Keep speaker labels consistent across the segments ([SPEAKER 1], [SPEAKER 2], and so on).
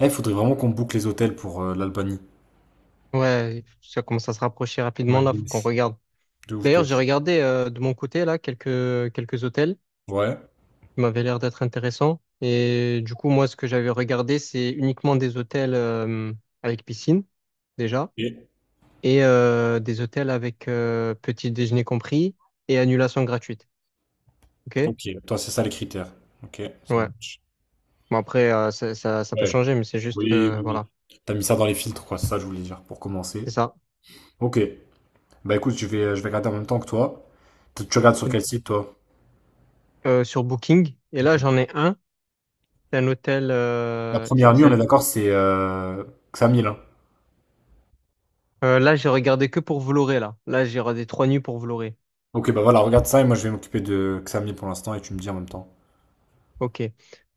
[SPEAKER 1] Eh, faudrait vraiment qu'on boucle les hôtels pour l'Albanie.
[SPEAKER 2] Ouais, ça commence à se rapprocher
[SPEAKER 1] Ouais,
[SPEAKER 2] rapidement là,
[SPEAKER 1] de
[SPEAKER 2] faut qu'on
[SPEAKER 1] ouf.
[SPEAKER 2] regarde.
[SPEAKER 1] De ouf, de
[SPEAKER 2] D'ailleurs,
[SPEAKER 1] ouf.
[SPEAKER 2] j'ai regardé de mon côté là quelques hôtels
[SPEAKER 1] Ouais,
[SPEAKER 2] qui m'avaient l'air d'être intéressants. Et du coup, moi, ce que j'avais regardé, c'est uniquement des hôtels avec piscine déjà et des hôtels avec petit déjeuner compris et annulation gratuite. Ok?
[SPEAKER 1] ok. Toi, c'est ça les critères. Ok, ça
[SPEAKER 2] Ouais.
[SPEAKER 1] marche.
[SPEAKER 2] Bon après, ça peut
[SPEAKER 1] Ouais.
[SPEAKER 2] changer, mais c'est juste
[SPEAKER 1] Oui, oui, oui.
[SPEAKER 2] voilà,
[SPEAKER 1] T'as mis ça dans les filtres, quoi, c'est ça que je voulais dire, pour
[SPEAKER 2] c'est
[SPEAKER 1] commencer.
[SPEAKER 2] ça.
[SPEAKER 1] Ok. Bah écoute, je vais regarder en même temps que toi. Tu regardes sur quel site, toi?
[SPEAKER 2] Sur Booking. Et
[SPEAKER 1] Ok.
[SPEAKER 2] là, j'en ai un. C'est un hôtel
[SPEAKER 1] La
[SPEAKER 2] il
[SPEAKER 1] première nuit, on est
[SPEAKER 2] s'appelle.
[SPEAKER 1] d'accord, c'est Xamil, hein.
[SPEAKER 2] Là, j'ai regardé que pour Vloré, là. Là, j'ai regardé trois nuits pour Vloré.
[SPEAKER 1] Ok, bah voilà, regarde ça et moi je vais m'occuper de Xamil pour l'instant et tu me dis en même temps.
[SPEAKER 2] Ok.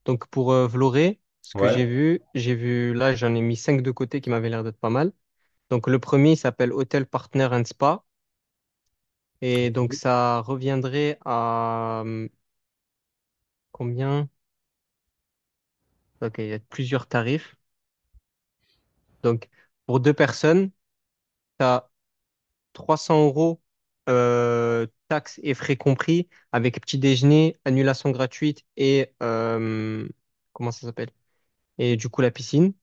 [SPEAKER 2] Donc, pour Vloré, ce que
[SPEAKER 1] Ouais.
[SPEAKER 2] j'ai vu, là, j'en ai mis cinq de côté qui m'avaient l'air d'être pas mal. Donc, le premier il s'appelle Hotel Partner and Spa. Et donc, ça reviendrait à combien? Ok, il y a plusieurs tarifs. Donc, pour deux personnes, tu as 300 € taxes et frais compris, avec petit déjeuner, annulation gratuite et, comment ça s'appelle? Et du coup, la piscine,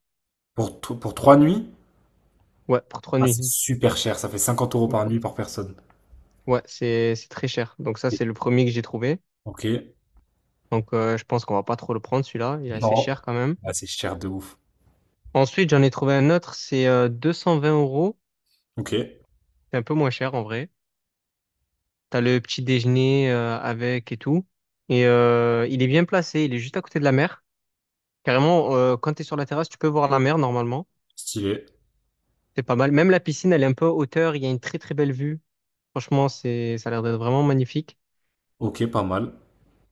[SPEAKER 1] Pour trois nuits?
[SPEAKER 2] ouais, pour trois
[SPEAKER 1] Ah, c'est
[SPEAKER 2] nuits.
[SPEAKER 1] super cher, ça fait 50 euros par nuit par personne.
[SPEAKER 2] Ouais, c'est très cher. Donc ça, c'est le premier que j'ai trouvé.
[SPEAKER 1] Ok.
[SPEAKER 2] Donc je pense qu'on va pas trop le prendre, celui-là. Il est assez
[SPEAKER 1] Non.
[SPEAKER 2] cher quand même.
[SPEAKER 1] Ah, c'est cher de ouf.
[SPEAKER 2] Ensuite, j'en ai trouvé un autre, c'est 220 euros.
[SPEAKER 1] Ok,
[SPEAKER 2] C'est un peu moins cher en vrai. T'as le petit déjeuner avec et tout. Et il est bien placé, il est juste à côté de la mer. Carrément, quand tu es sur la terrasse, tu peux voir la mer normalement.
[SPEAKER 1] stylé.
[SPEAKER 2] C'est pas mal. Même la piscine, elle est un peu à hauteur. Il y a une très très belle vue. Franchement, c'est ça a l'air d'être vraiment magnifique.
[SPEAKER 1] Ok, pas mal.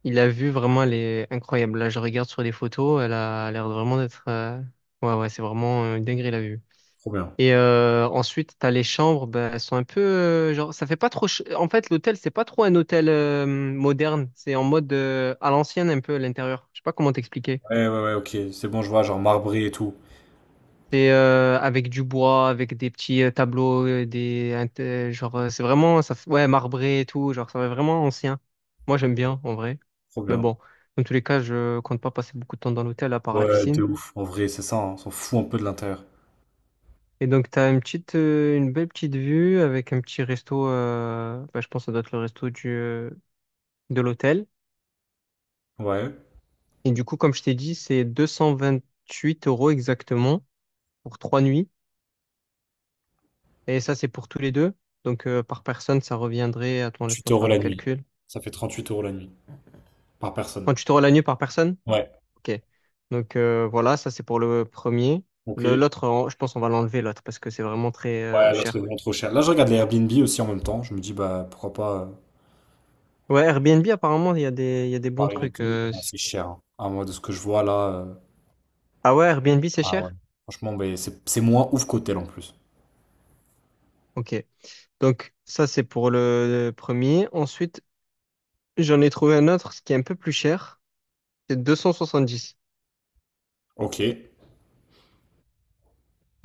[SPEAKER 2] Il a vu vraiment les incroyable. Là, je regarde sur les photos, elle a l'air vraiment d'être ouais, ouais, c'est vraiment une dinguerie la vue.
[SPEAKER 1] Trop bien.
[SPEAKER 2] Et ensuite, t'as les chambres, ben, elles sont un peu genre, ça fait pas trop en fait, l'hôtel, c'est pas trop un hôtel moderne. C'est en mode à l'ancienne un peu à l'intérieur. Je sais pas comment t'expliquer.
[SPEAKER 1] Ouais, ouais, ouais, ok. C'est bon, je vois, genre marbré et tout.
[SPEAKER 2] C'est avec du bois, avec des petits tableaux, genre c'est vraiment ouais marbré et tout, genre ça fait vraiment ancien. Moi j'aime bien en vrai,
[SPEAKER 1] Trop
[SPEAKER 2] mais
[SPEAKER 1] bien.
[SPEAKER 2] bon, dans tous les cas je compte pas passer beaucoup de temps dans l'hôtel à part la
[SPEAKER 1] Ouais, de
[SPEAKER 2] piscine.
[SPEAKER 1] ouf. En vrai, c'est ça, hein. On s'en fout un peu de l'intérieur.
[SPEAKER 2] Et donc t'as une belle petite vue avec un petit resto. Bah, je pense que ça doit être le resto du de l'hôtel.
[SPEAKER 1] Ouais.
[SPEAKER 2] Et du coup comme je t'ai dit c'est 228 € exactement pour trois nuits. Et ça c'est pour tous les deux. Donc par personne ça reviendrait. Attends
[SPEAKER 1] 38
[SPEAKER 2] laisse-moi
[SPEAKER 1] euros
[SPEAKER 2] faire le
[SPEAKER 1] la nuit.
[SPEAKER 2] calcul.
[SPEAKER 1] Ça fait 38 euros la nuit. Par personne.
[SPEAKER 2] Quand tu te rends la nuit par personne?
[SPEAKER 1] Ouais.
[SPEAKER 2] Ok. Donc voilà, ça c'est pour le premier.
[SPEAKER 1] Ok.
[SPEAKER 2] L'autre, je pense on va l'enlever l'autre parce que c'est vraiment très
[SPEAKER 1] Ouais, là, c'est
[SPEAKER 2] cher.
[SPEAKER 1] vraiment trop cher. Là, je regarde les Airbnb aussi en même temps. Je me dis, bah, pourquoi pas
[SPEAKER 2] Ouais, Airbnb apparemment il y a des bons
[SPEAKER 1] comparer les
[SPEAKER 2] trucs.
[SPEAKER 1] deux. Ah, c'est cher, hein. Ah, moi, de ce que je vois là,
[SPEAKER 2] Ah ouais, Airbnb c'est
[SPEAKER 1] ah ouais.
[SPEAKER 2] cher?
[SPEAKER 1] Franchement, bah, c'est moins ouf qu'hôtel en plus.
[SPEAKER 2] Ok. Donc ça c'est pour le premier. Ensuite, j'en ai trouvé un autre, ce qui est un peu plus cher. C'est 270.
[SPEAKER 1] Ok.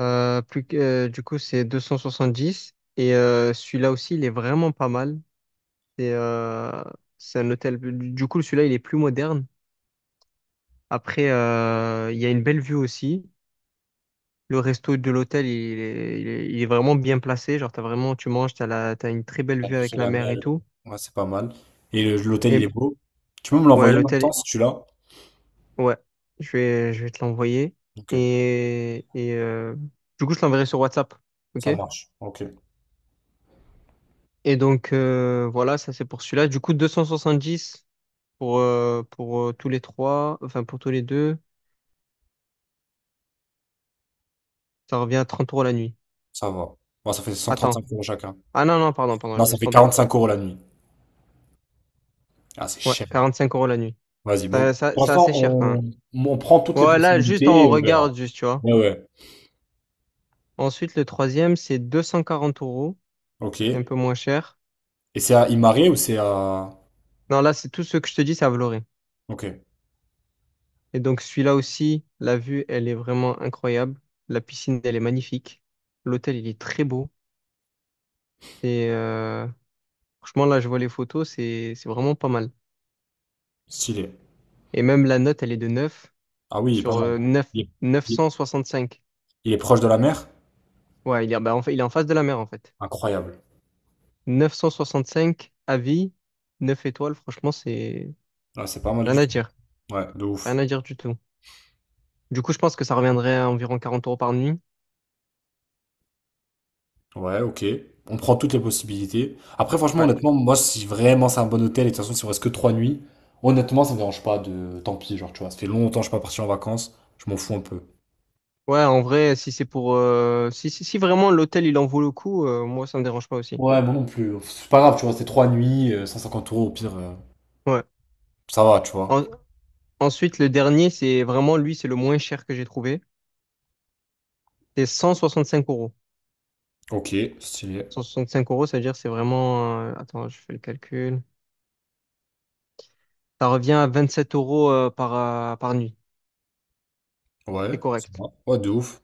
[SPEAKER 2] Du coup c'est deux cent soixante-dix. Et celui-là aussi il est vraiment pas mal. C'est euh, c'est un hôtel. Du coup celui-là il est plus moderne. Après, il y a une belle vue aussi. Le resto de l'hôtel, il est vraiment bien placé. Genre, t'as vraiment, tu manges, t'as une très belle vue avec
[SPEAKER 1] De
[SPEAKER 2] la
[SPEAKER 1] la
[SPEAKER 2] mer
[SPEAKER 1] mer.
[SPEAKER 2] et tout.
[SPEAKER 1] Ouais, c'est pas mal. Et l'hôtel, il est
[SPEAKER 2] Et
[SPEAKER 1] beau. Tu peux me
[SPEAKER 2] ouais,
[SPEAKER 1] l'envoyer en même temps
[SPEAKER 2] l'hôtel,
[SPEAKER 1] si tu l'as?
[SPEAKER 2] ouais, je vais te l'envoyer.
[SPEAKER 1] Ok,
[SPEAKER 2] Et, et euh, du coup, je l'enverrai sur WhatsApp. OK?
[SPEAKER 1] ça marche. Ok,
[SPEAKER 2] Et donc, voilà, ça c'est pour celui-là. Du coup, 270 pour, tous les trois, enfin pour tous les deux, ça revient à 30 euros la nuit.
[SPEAKER 1] ça va. Bon, ça fait cent trente
[SPEAKER 2] Attends.
[SPEAKER 1] cinq euros chacun.
[SPEAKER 2] Ah non, non, pardon, pardon,
[SPEAKER 1] Non,
[SPEAKER 2] je me
[SPEAKER 1] ça
[SPEAKER 2] suis
[SPEAKER 1] fait
[SPEAKER 2] trompé.
[SPEAKER 1] 45 euros la nuit. Ah, c'est
[SPEAKER 2] Ouais,
[SPEAKER 1] cher.
[SPEAKER 2] 45 euros la nuit.
[SPEAKER 1] Vas-y, bon. Pour
[SPEAKER 2] C'est
[SPEAKER 1] l'instant,
[SPEAKER 2] assez cher quand même.
[SPEAKER 1] on prend toutes les
[SPEAKER 2] Ouais, là juste on
[SPEAKER 1] possibilités et on verra.
[SPEAKER 2] regarde, juste, tu vois.
[SPEAKER 1] Ouais, ouais.
[SPEAKER 2] Ensuite, le troisième, c'est 240 euros.
[SPEAKER 1] Ok.
[SPEAKER 2] C'est un
[SPEAKER 1] Et
[SPEAKER 2] peu moins cher.
[SPEAKER 1] c'est à Imare ou c'est à...
[SPEAKER 2] Non, là, c'est tout ce que je te dis, c'est à Vloré.
[SPEAKER 1] Ok,
[SPEAKER 2] Et donc, celui-là aussi, la vue, elle est vraiment incroyable. La piscine, elle est magnifique. L'hôtel, il est très beau. Et franchement, là, je vois les photos, c'est vraiment pas mal.
[SPEAKER 1] stylé.
[SPEAKER 2] Et même la note, elle est de 9
[SPEAKER 1] Ah oui, il est pas
[SPEAKER 2] sur
[SPEAKER 1] mal.
[SPEAKER 2] 9,
[SPEAKER 1] Il est, il est-
[SPEAKER 2] 965.
[SPEAKER 1] il est proche de la mer?
[SPEAKER 2] Ouais, il est, bah, en fait, il est en face de la mer, en fait.
[SPEAKER 1] Incroyable.
[SPEAKER 2] 965 avis, 9 étoiles, franchement, c'est.
[SPEAKER 1] Ah, c'est pas mal
[SPEAKER 2] Rien
[SPEAKER 1] du
[SPEAKER 2] à
[SPEAKER 1] tout.
[SPEAKER 2] dire.
[SPEAKER 1] Ouais, de
[SPEAKER 2] Rien
[SPEAKER 1] ouf.
[SPEAKER 2] à dire du tout. Du coup, je pense que ça reviendrait à environ quarante euros par nuit.
[SPEAKER 1] Ouais, ok. On prend toutes les possibilités. Après, franchement,
[SPEAKER 2] Ouais.
[SPEAKER 1] honnêtement, moi, si vraiment c'est un bon hôtel, et de toute façon, si on reste que trois nuits, honnêtement, ça me dérange pas de... Tant pis, genre, tu vois, ça fait longtemps que je suis pas parti en vacances, je m'en fous un peu.
[SPEAKER 2] Ouais, en vrai, si c'est pour si, si vraiment l'hôtel, il en vaut le coup, moi, ça me dérange pas aussi.
[SPEAKER 1] Ouais, moi non plus. C'est pas grave, tu vois, c'est trois nuits, 150 euros, au pire,
[SPEAKER 2] Ouais.
[SPEAKER 1] ça va, tu vois.
[SPEAKER 2] En- Ensuite, le dernier, c'est vraiment, lui, c'est le moins cher que j'ai trouvé. C'est 165 euros.
[SPEAKER 1] Ok, stylé.
[SPEAKER 2] 165 euros, ça veut dire c'est vraiment attends, je fais le calcul. Ça revient à 27 euros par nuit. C'est
[SPEAKER 1] Ouais, ça
[SPEAKER 2] correct.
[SPEAKER 1] va. Ouais, de ouf.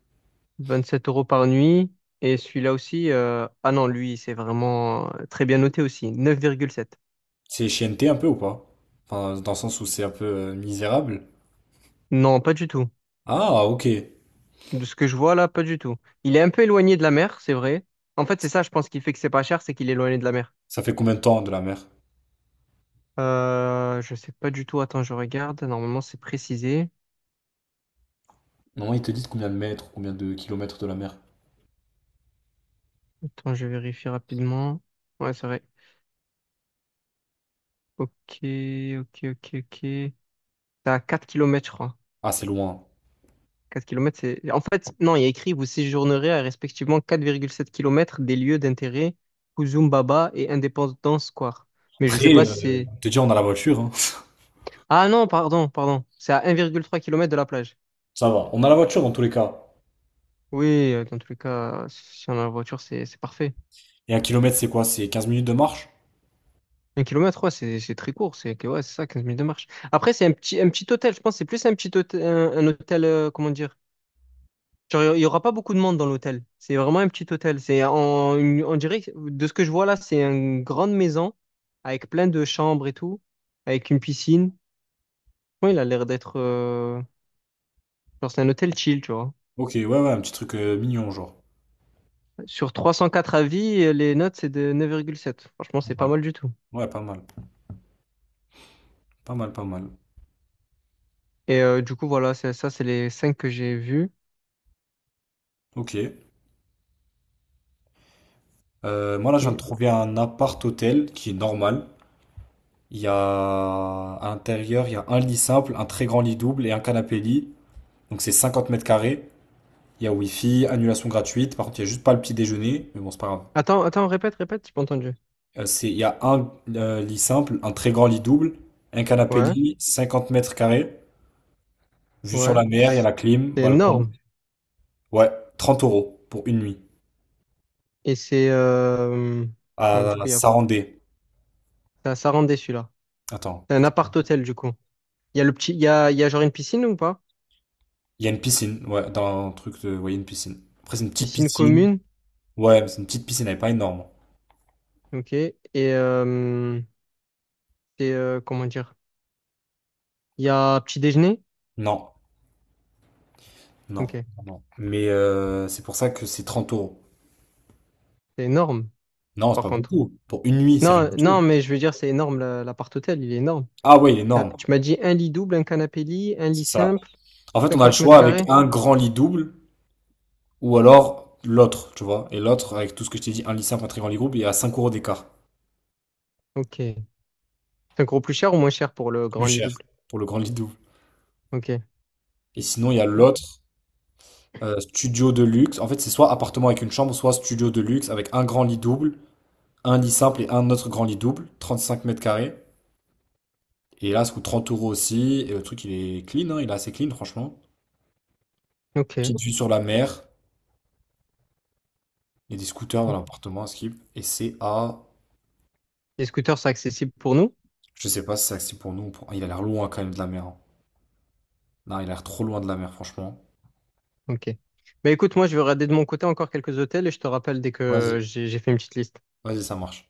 [SPEAKER 2] 27 euros par nuit. Et celui-là aussi ah non, lui, c'est vraiment très bien noté aussi. Neuf virgule sept.
[SPEAKER 1] C'est chienneté un peu ou pas? Enfin, dans le sens où c'est un peu misérable.
[SPEAKER 2] Non, pas du tout.
[SPEAKER 1] Ah, ok.
[SPEAKER 2] De ce que je vois là, pas du tout. Il est un peu éloigné de la mer, c'est vrai. En fait, c'est ça, je pense, qui fait que c'est pas cher, c'est qu'il est éloigné de la mer.
[SPEAKER 1] Ça fait combien de temps de la mer?
[SPEAKER 2] Je sais pas du tout. Attends, je regarde. Normalement, c'est précisé.
[SPEAKER 1] Non, ils te disent combien de mètres, combien de kilomètres de la mer.
[SPEAKER 2] Attends, je vérifie rapidement. Ouais, c'est vrai. Ok, ok, ok, ok. C'est à 4 kilomètres, je crois.
[SPEAKER 1] Ah, c'est loin.
[SPEAKER 2] 4 kilomètres, c'est. En fait, non, il y a écrit, vous séjournerez à respectivement quatre virgule sept kilomètres des lieux d'intérêt, Kuzumbaba et Independence Square. Mais je sais pas
[SPEAKER 1] Après,
[SPEAKER 2] si c'est.
[SPEAKER 1] te dire, on a la voiture, hein.
[SPEAKER 2] Ah non, pardon, pardon. C'est à 1,3 km de la plage.
[SPEAKER 1] Ça va. On a la voiture dans tous les cas.
[SPEAKER 2] Oui, dans tous les cas, si on a la voiture, c'est parfait.
[SPEAKER 1] Et un kilomètre, c'est quoi? C'est 15 minutes de marche?
[SPEAKER 2] Un kilomètre, ouais, c'est très court. Ouais, c'est ça, 15 minutes de marche. Après, un petit hôtel. Je pense que c'est plus un petit hôtel, un hôtel, comment dire? Genre, il y aura pas beaucoup de monde dans l'hôtel. C'est vraiment un petit hôtel. C'est en, une- on dirait, que- De ce que je vois là, c'est une grande maison avec plein de chambres et tout, avec une piscine. Ouais, il a l'air d'être, genre, c'est un hôtel chill, tu vois.
[SPEAKER 1] Ok, ouais, ouais, un petit truc mignon, genre.
[SPEAKER 2] Sur 304 avis, les notes, c'est de neuf virgule sept. Franchement,
[SPEAKER 1] Pas
[SPEAKER 2] c'est pas
[SPEAKER 1] mal.
[SPEAKER 2] mal du tout.
[SPEAKER 1] Ouais, pas mal. Pas mal, pas mal.
[SPEAKER 2] Et du coup, voilà, c'est ça, c'est les 5 que j'ai vus.
[SPEAKER 1] Ok. Moi, là, je viens de
[SPEAKER 2] Et...
[SPEAKER 1] trouver un appart-hôtel qui est normal. Il y a à l'intérieur, il y a un lit simple, un très grand lit double et un canapé-lit. Donc, c'est 50 mètres carrés. Il y a Wi-Fi, annulation gratuite. Par contre, il n'y a juste pas le petit déjeuner. Mais bon, c'est pas grave.
[SPEAKER 2] Attends, attends, répète, répète, j'ai pas entendu.
[SPEAKER 1] C'est, il y a un lit simple, un très grand lit double, un
[SPEAKER 2] Ouais,
[SPEAKER 1] canapé-lit, 50 mètres carrés. Vue sur
[SPEAKER 2] ouais,
[SPEAKER 1] la mer, il y a
[SPEAKER 2] c'est
[SPEAKER 1] la clim, balcon.
[SPEAKER 2] énorme.
[SPEAKER 1] Ouais, 30 euros pour une nuit.
[SPEAKER 2] Et c'est... ouais,
[SPEAKER 1] À
[SPEAKER 2] du coup, il y a...
[SPEAKER 1] Sarandé.
[SPEAKER 2] ça rend déçu, là.
[SPEAKER 1] Attends,
[SPEAKER 2] C'est un
[SPEAKER 1] qu'est-ce que-
[SPEAKER 2] appart-hôtel, du coup. Il y a le petit... il y a genre une piscine ou pas?
[SPEAKER 1] il y a une piscine. Ouais, dans un truc de. Ouais, il y a une piscine. Après, c'est une petite
[SPEAKER 2] Piscine
[SPEAKER 1] piscine.
[SPEAKER 2] commune,
[SPEAKER 1] Ouais, mais c'est une petite piscine, elle est pas énorme.
[SPEAKER 2] ok. Et euh, c'est... comment dire? Il y a petit déjeuner,
[SPEAKER 1] Non, non,
[SPEAKER 2] ok.
[SPEAKER 1] non. Mais c'est pour ça que c'est 30 euros.
[SPEAKER 2] C'est énorme,
[SPEAKER 1] Non, c'est
[SPEAKER 2] par
[SPEAKER 1] pas
[SPEAKER 2] contre.
[SPEAKER 1] beaucoup. Pour une nuit, c'est rien
[SPEAKER 2] Non,
[SPEAKER 1] du tout.
[SPEAKER 2] non, mais je veux dire, c'est énorme, l'appart-hôtel, il est énorme.
[SPEAKER 1] Ah ouais, il est énorme.
[SPEAKER 2] Tu m'as dit un lit double, un canapé lit, un
[SPEAKER 1] C'est
[SPEAKER 2] lit
[SPEAKER 1] ça.
[SPEAKER 2] simple,
[SPEAKER 1] En fait, on a le
[SPEAKER 2] 50 mètres
[SPEAKER 1] choix avec
[SPEAKER 2] carrés?
[SPEAKER 1] un grand lit double ou alors l'autre, tu vois. Et l'autre, avec tout ce que je t'ai dit, un lit simple, un très grand lit groupe, il est à 5 euros d'écart.
[SPEAKER 2] Ok. C'est encore plus cher ou moins cher pour le
[SPEAKER 1] Plus
[SPEAKER 2] grand lit
[SPEAKER 1] cher
[SPEAKER 2] double?
[SPEAKER 1] pour le grand lit double.
[SPEAKER 2] Ok.
[SPEAKER 1] Et sinon, il y a
[SPEAKER 2] Ah,
[SPEAKER 1] l'autre, studio de luxe. En fait, c'est soit appartement avec une chambre, soit studio de luxe avec un grand lit double, un lit simple et un autre grand lit double, 35 mètres carrés. Et là, ça coûte 30 euros aussi. Et le truc, il est clean, hein, il est assez clean, franchement.
[SPEAKER 2] ok.
[SPEAKER 1] Petite vue sur la mer. Il y a des scooters dans l'appartement à Skip. Et c'est à.
[SPEAKER 2] Les scooters, c'est accessible pour nous?
[SPEAKER 1] Je sais pas si c'est accessible pour nous. Ah, il a l'air loin quand même de la mer, hein. Non, il a l'air trop loin de la mer, franchement.
[SPEAKER 2] Ok. Mais écoute, moi, je vais regarder de mon côté encore quelques hôtels et je te rappelle dès
[SPEAKER 1] Vas-y,
[SPEAKER 2] que j'ai fait une petite liste.
[SPEAKER 1] vas-y, ça marche.